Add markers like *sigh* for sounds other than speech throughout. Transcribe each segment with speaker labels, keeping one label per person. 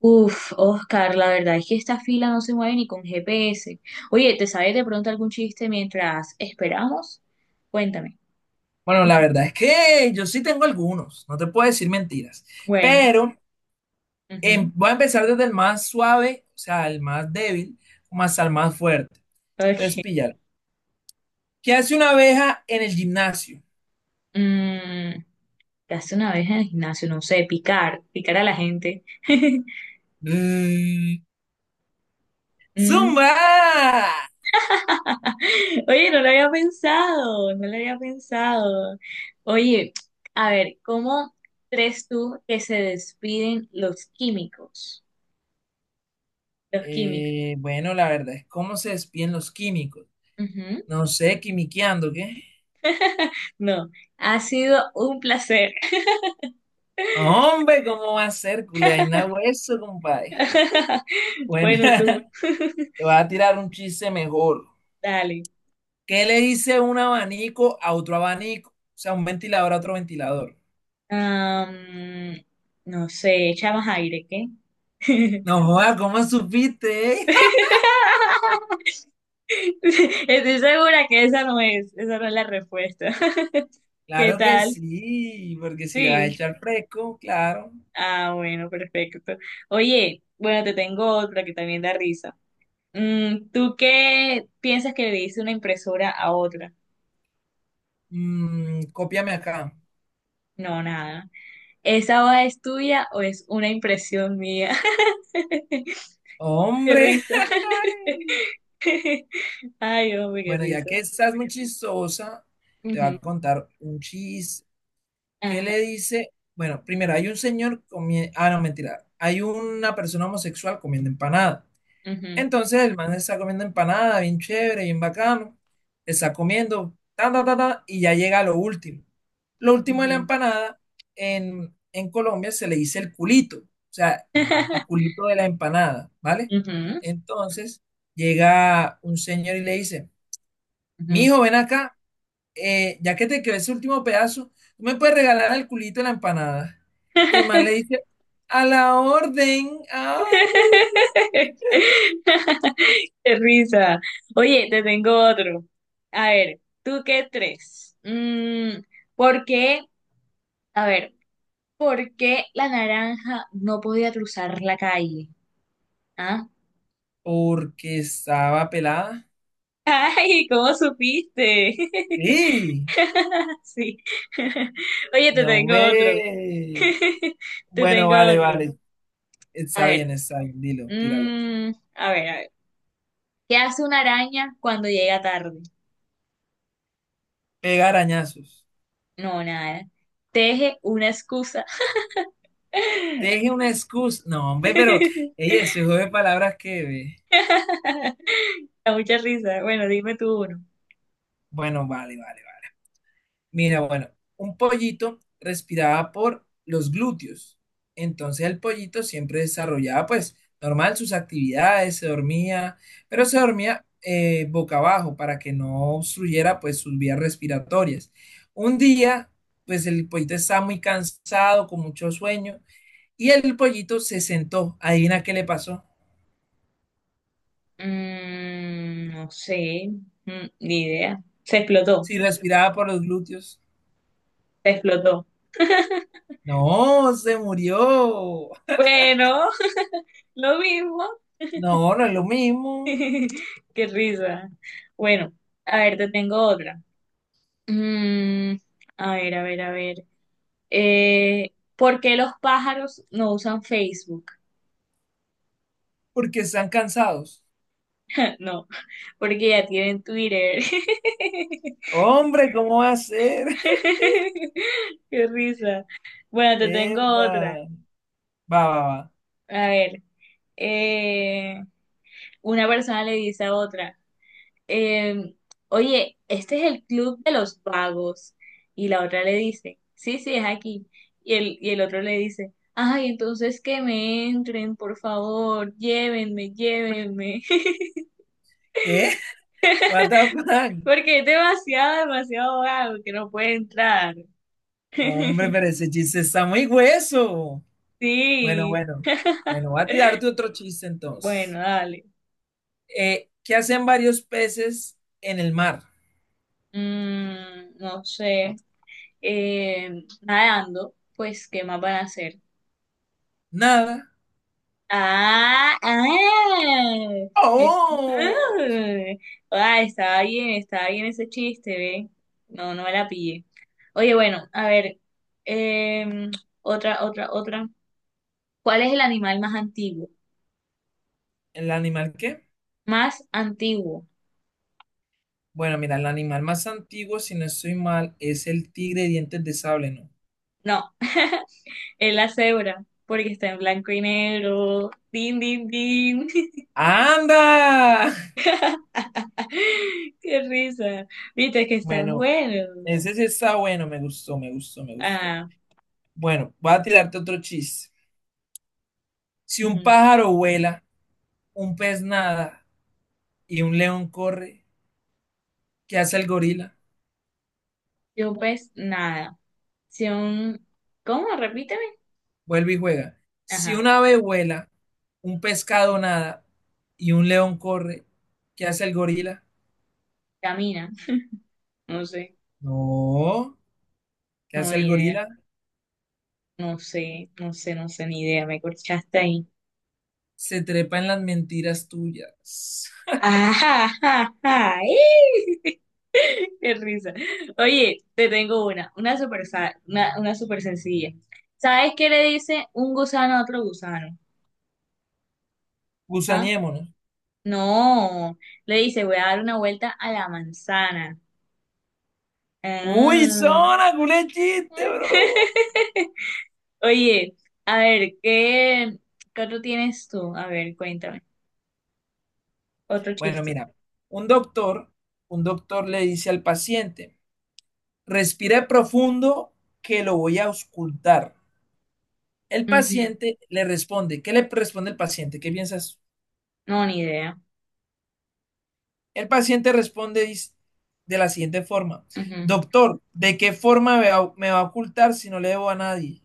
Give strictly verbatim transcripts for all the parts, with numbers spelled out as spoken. Speaker 1: Uf, Oscar, la verdad es que esta fila no se mueve ni con G P S. Oye, ¿te sabes de pronto algún chiste mientras esperamos? Cuéntame.
Speaker 2: Bueno, la
Speaker 1: *laughs*
Speaker 2: verdad es que yo sí tengo algunos, no te puedo decir mentiras,
Speaker 1: Bueno,
Speaker 2: pero
Speaker 1: ujú,
Speaker 2: em, voy a empezar desde el más suave, o sea, el más débil, más al más fuerte. Entonces,
Speaker 1: ok.
Speaker 2: píllalo. ¿Qué hace una abeja en el gimnasio?
Speaker 1: Mm, ¿qué hace una vez en el gimnasio? No sé, picar, picar a la gente. *laughs*
Speaker 2: Mm,
Speaker 1: Mm,
Speaker 2: ¡Zumba!
Speaker 1: *laughs* Oye, no lo había pensado, no lo había pensado. Oye, a ver, ¿cómo crees tú que se despiden los químicos? Los químicos.
Speaker 2: Eh, bueno, la verdad es cómo se despiden los químicos. No sé, quimiqueando, ¿qué?
Speaker 1: No, ha sido un placer.
Speaker 2: Hombre, ¿cómo va a ser, culeaina hueso, compadre?
Speaker 1: *laughs*
Speaker 2: Bueno, *laughs*
Speaker 1: Bueno, tú,
Speaker 2: te voy a tirar un chiste mejor.
Speaker 1: dale.
Speaker 2: ¿Qué le dice un abanico a otro abanico? O sea, un ventilador a otro ventilador.
Speaker 1: Am, no sé, echamos aire, ¿qué? *laughs*
Speaker 2: No, joda, ¿cómo supiste? ¿eh? *laughs*
Speaker 1: Estoy segura que esa no es, esa no es la respuesta. *laughs* ¿Qué
Speaker 2: Claro que
Speaker 1: tal?
Speaker 2: sí, porque si le vas a
Speaker 1: Sí.
Speaker 2: echar fresco, claro.
Speaker 1: Ah, bueno, perfecto. Oye, bueno, te tengo otra que también da risa. Mm, ¿tú qué piensas que le dice una impresora a otra?
Speaker 2: Mm, cópiame acá.
Speaker 1: No, nada. ¿Esa hoja es tuya o es una impresión mía? *laughs* Qué
Speaker 2: Hombre,
Speaker 1: risa. *laughs* Ay, hombre,
Speaker 2: *laughs*
Speaker 1: qué
Speaker 2: bueno, ya
Speaker 1: risa.
Speaker 2: que estás muy chistosa, te voy
Speaker 1: Ujú,
Speaker 2: a contar un chiste. ¿Qué
Speaker 1: ajá,
Speaker 2: le dice? Bueno, primero hay un señor comiendo... Ah, no, mentira. Hay una persona homosexual comiendo empanada.
Speaker 1: ujú,
Speaker 2: Entonces el man está comiendo empanada, bien chévere, bien bacano. Está comiendo, ta, ta, ta, ta, y ya llega a lo último. Lo último de la
Speaker 1: ujú.
Speaker 2: empanada, en, en Colombia se le dice el culito, o sea, el
Speaker 1: *laughs*
Speaker 2: culito de la empanada, ¿vale?
Speaker 1: Ujú,
Speaker 2: Entonces llega un señor y le dice,
Speaker 1: ujú.
Speaker 2: mijo, ven acá, eh, ya que te quedó ese último pedazo, ¿tú me puedes regalar el culito de la empanada? Y el man le dice, a la orden, ay,
Speaker 1: *laughs* Qué risa. Oye, te tengo otro. A ver, ¿tú qué tres? Mm, ¿por qué? A ver, ¿por qué la naranja no podía cruzar la calle? ¿Ah?
Speaker 2: porque estaba pelada.
Speaker 1: *laughs* Ay, ¿cómo supiste? *laughs*
Speaker 2: Sí,
Speaker 1: *laughs* Sí. *laughs* Oye, te
Speaker 2: no
Speaker 1: tengo otro.
Speaker 2: me...
Speaker 1: *laughs* Te
Speaker 2: Bueno,
Speaker 1: tengo
Speaker 2: vale,
Speaker 1: otro.
Speaker 2: vale.
Speaker 1: A
Speaker 2: Está
Speaker 1: ver.
Speaker 2: bien, está bien. Dilo, tíralo.
Speaker 1: mm, a ver, a ver. ¿Qué hace una araña cuando llega tarde?
Speaker 2: Pegar arañazos.
Speaker 1: No, nada. Teje una excusa.
Speaker 2: Teje una excusa. No, hombre, pero
Speaker 1: *laughs*
Speaker 2: ella se juega de palabras que... ve.
Speaker 1: Da mucha risa. Bueno, dime tú uno.
Speaker 2: Bueno, vale, vale. Mira, bueno, un pollito respiraba por los glúteos. Entonces el pollito siempre desarrollaba, pues, normal sus actividades, se dormía, pero se dormía eh, boca abajo para que no obstruyera, pues, sus vías respiratorias. Un día, pues, el pollito estaba muy cansado, con mucho sueño, y el pollito se sentó. Adivina qué le pasó.
Speaker 1: Mm, no sé. Mm, ni idea. Se explotó.
Speaker 2: Si respiraba por los glúteos.
Speaker 1: Se explotó.
Speaker 2: No, se murió.
Speaker 1: Bueno, *laughs* lo mismo.
Speaker 2: No, no es lo
Speaker 1: *laughs*
Speaker 2: mismo,
Speaker 1: Qué risa. Bueno, a ver, te tengo otra. Mm, a ver, a ver, a ver. Eh, ¿por qué los pájaros no usan Facebook?
Speaker 2: porque están cansados.
Speaker 1: *laughs* No, porque ya tienen Twitter. *laughs*
Speaker 2: Hombre, ¿cómo va a ser?
Speaker 1: Qué risa. Bueno, te tengo otra.
Speaker 2: Mierda. Va, va, va.
Speaker 1: A ver. eh, una persona le dice a otra. eh, oye, este es el club de los vagos. Y la otra le dice, sí, sí, es aquí. Y el, y el otro le dice, ay, entonces que me entren, por favor, llévenme, llévenme. *laughs*
Speaker 2: ¿Qué? What the fuck?
Speaker 1: Porque es demasiado, demasiado vago que no puede entrar.
Speaker 2: Hombre,
Speaker 1: *laughs*
Speaker 2: pero ese chiste está muy hueso. Bueno,
Speaker 1: Sí,
Speaker 2: bueno. Bueno, voy a tirarte otro chiste
Speaker 1: bueno,
Speaker 2: entonces.
Speaker 1: dale.
Speaker 2: Eh, ¿qué hacen varios peces en el mar?
Speaker 1: Mm, no sé. Eh, nadando, pues, ¿qué más van a hacer?
Speaker 2: Nada.
Speaker 1: Ah, ah, ex-
Speaker 2: ¡Oh!
Speaker 1: ah. Ah, estaba bien, estaba bien ese chiste, ve. No, no me la pillé. Oye, bueno, a ver, em, otra, otra, otra. ¿Cuál es el animal más antiguo?
Speaker 2: ¿El animal qué?
Speaker 1: Más antiguo.
Speaker 2: Bueno, mira, el animal más antiguo, si no estoy mal, es el tigre de dientes de sable, ¿no?
Speaker 1: No, *laughs* es la cebra, porque está en blanco y negro. Din, din, din. *laughs*
Speaker 2: ¡Anda!
Speaker 1: Qué risa. Viste que están
Speaker 2: Bueno,
Speaker 1: buenos.
Speaker 2: ese sí está bueno, me gustó, me gustó, me gustó.
Speaker 1: Ah,
Speaker 2: Bueno, voy a tirarte otro chiste. Si un
Speaker 1: ujú,
Speaker 2: pájaro vuela, un pez nada y un león corre, ¿qué hace el
Speaker 1: ujú.
Speaker 2: gorila?
Speaker 1: Yo pues nada. Sion, ¿cómo? Repíteme.
Speaker 2: Vuelve y juega. Si
Speaker 1: Ajá,
Speaker 2: un ave vuela, un pescado nada y un león corre, ¿qué hace el gorila?
Speaker 1: camina. No sé,
Speaker 2: No, ¿qué
Speaker 1: no,
Speaker 2: hace el
Speaker 1: ni idea.
Speaker 2: gorila?
Speaker 1: No sé, no sé, no sé, ni idea. Me corchaste ahí.
Speaker 2: Se trepa en las mentiras tuyas.
Speaker 1: Ajá, ajá, ajá. ¡eh! *laughs* Qué risa. Oye, te tengo una, una super, sa- una, una super sencilla. ¿Sabes qué le dice un gusano a otro gusano?
Speaker 2: *laughs*
Speaker 1: ¿Ah?
Speaker 2: Gusaniémonos.
Speaker 1: No, le dice, voy a dar una vuelta a la manzana.
Speaker 2: Uy,
Speaker 1: Ah.
Speaker 2: zona, culé chiste, bro.
Speaker 1: *laughs* Oye, a ver, ¿qué, ¿qué otro tienes tú? A ver, cuéntame. Otro
Speaker 2: Bueno,
Speaker 1: chiste.
Speaker 2: mira, un doctor, un doctor le dice al paciente, respire profundo que lo voy a auscultar. El
Speaker 1: Ujú.
Speaker 2: paciente le responde. ¿Qué le responde el paciente? ¿Qué piensas?
Speaker 1: No, ni idea.
Speaker 2: El paciente responde de la siguiente forma.
Speaker 1: Ujú.
Speaker 2: Doctor, ¿de qué forma me va, me va a ocultar si no le debo a nadie?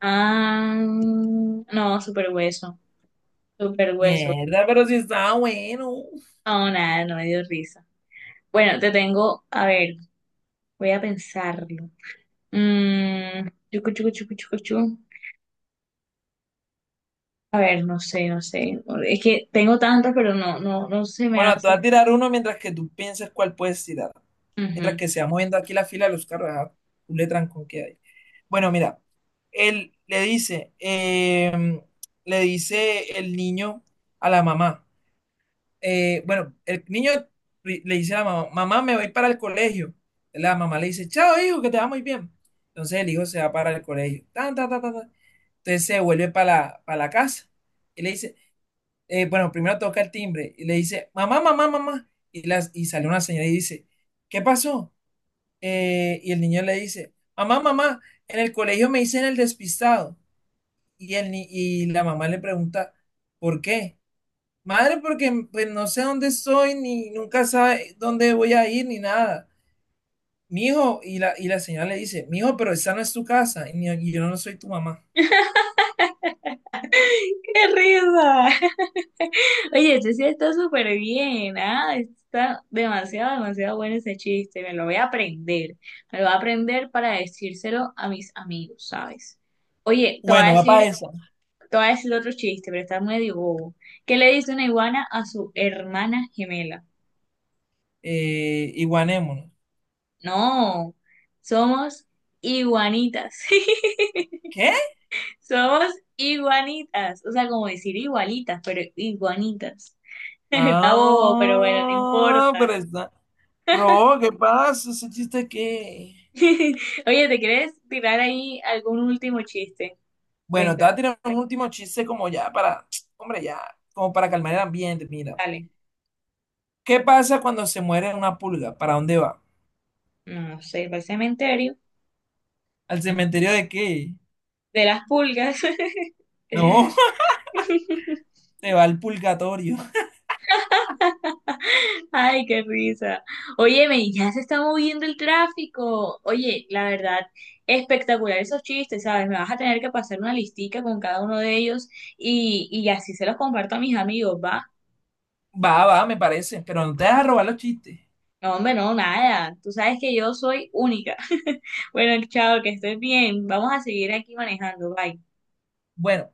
Speaker 1: Ah, no, super hueso. Super hueso.
Speaker 2: Mierda, pero si estaba bueno.
Speaker 1: No, nada, no me dio risa. Bueno, te tengo, a ver, voy a pensarlo. Mm, chucu, chucu, chucu, chucu, chu. A ver, no sé, no sé. Es que tengo tantos, pero no, no, no se me
Speaker 2: Bueno, te voy
Speaker 1: hace.
Speaker 2: a tirar uno mientras que tú pienses cuál puedes tirar. Mientras
Speaker 1: Ujú.
Speaker 2: que se va moviendo aquí la fila de los carros, ah, tú le trancón que hay. Bueno, mira, él le dice, eh, le dice el niño a la mamá. eh, bueno, el niño ri- le dice a la mamá, mamá, me voy para el colegio. La mamá le dice, chao, hijo, que te va muy bien. Entonces el hijo se va para el colegio. Tan, tan, tan, tan, tan. Entonces se vuelve para la, para la casa. Y le dice, eh, bueno, primero toca el timbre y le dice, mamá, mamá, mamá. Y, las, y sale una señora y dice, ¿qué pasó? Eh, y el niño le dice, mamá, mamá, en el colegio me dicen el despistado. Y, el, ni- y la mamá le pregunta, ¿por qué? Madre, porque pues, no sé dónde estoy, ni nunca sabe dónde voy a ir, ni nada. Mijo, y la, y la señora le dice, mijo, pero esa no es tu casa, y, ni- y yo no soy tu mamá.
Speaker 1: ¡Qué risa! *laughs* Oye, ese sí está súper bien, ¿ah? Está demasiado, demasiado bueno ese chiste. Me lo voy a aprender. Me lo voy a aprender para decírselo a mis amigos, ¿sabes? Oye, te voy a
Speaker 2: Bueno, va para
Speaker 1: decir,
Speaker 2: esa.
Speaker 1: te voy a decir otro chiste, pero está medio bobo. ¿Qué le dice una iguana a su hermana gemela?
Speaker 2: Eh, y guanémonos.
Speaker 1: No, somos iguanitas. *laughs*
Speaker 2: ¿Qué?
Speaker 1: Somos iguanitas. O sea, como decir igualitas, pero iguanitas. Acabó, pero bueno, no
Speaker 2: Ah, pero
Speaker 1: importa.
Speaker 2: está. Bro, ¿qué pasa? Ese chiste que.
Speaker 1: *laughs* Oye, ¿te quieres tirar ahí algún último chiste?
Speaker 2: Bueno, te
Speaker 1: Cuenta,
Speaker 2: voy a tirar un último chiste como ya para. Hombre, ya. Como para calmar el ambiente, mira.
Speaker 1: dale.
Speaker 2: ¿Qué pasa cuando se muere una pulga? ¿Para dónde va?
Speaker 1: No no sé, para el cementerio.
Speaker 2: ¿Al cementerio de qué?
Speaker 1: De las pulgas.
Speaker 2: No,
Speaker 1: *laughs*
Speaker 2: *laughs* te va al purgatorio.
Speaker 1: Ay, qué risa. Óyeme, ya se está moviendo el tráfico. Oye, la verdad, espectacular esos chistes, ¿sabes? Me vas a tener que pasar una listica con cada uno de ellos y, y así se los comparto a mis amigos, ¿va?
Speaker 2: Va, va, me parece. Pero no te dejas robar los chistes.
Speaker 1: No, hombre, no, nada. Tú sabes que yo soy única. *laughs* Bueno, chao, que estés bien. Vamos a seguir aquí manejando. Bye.
Speaker 2: Bueno.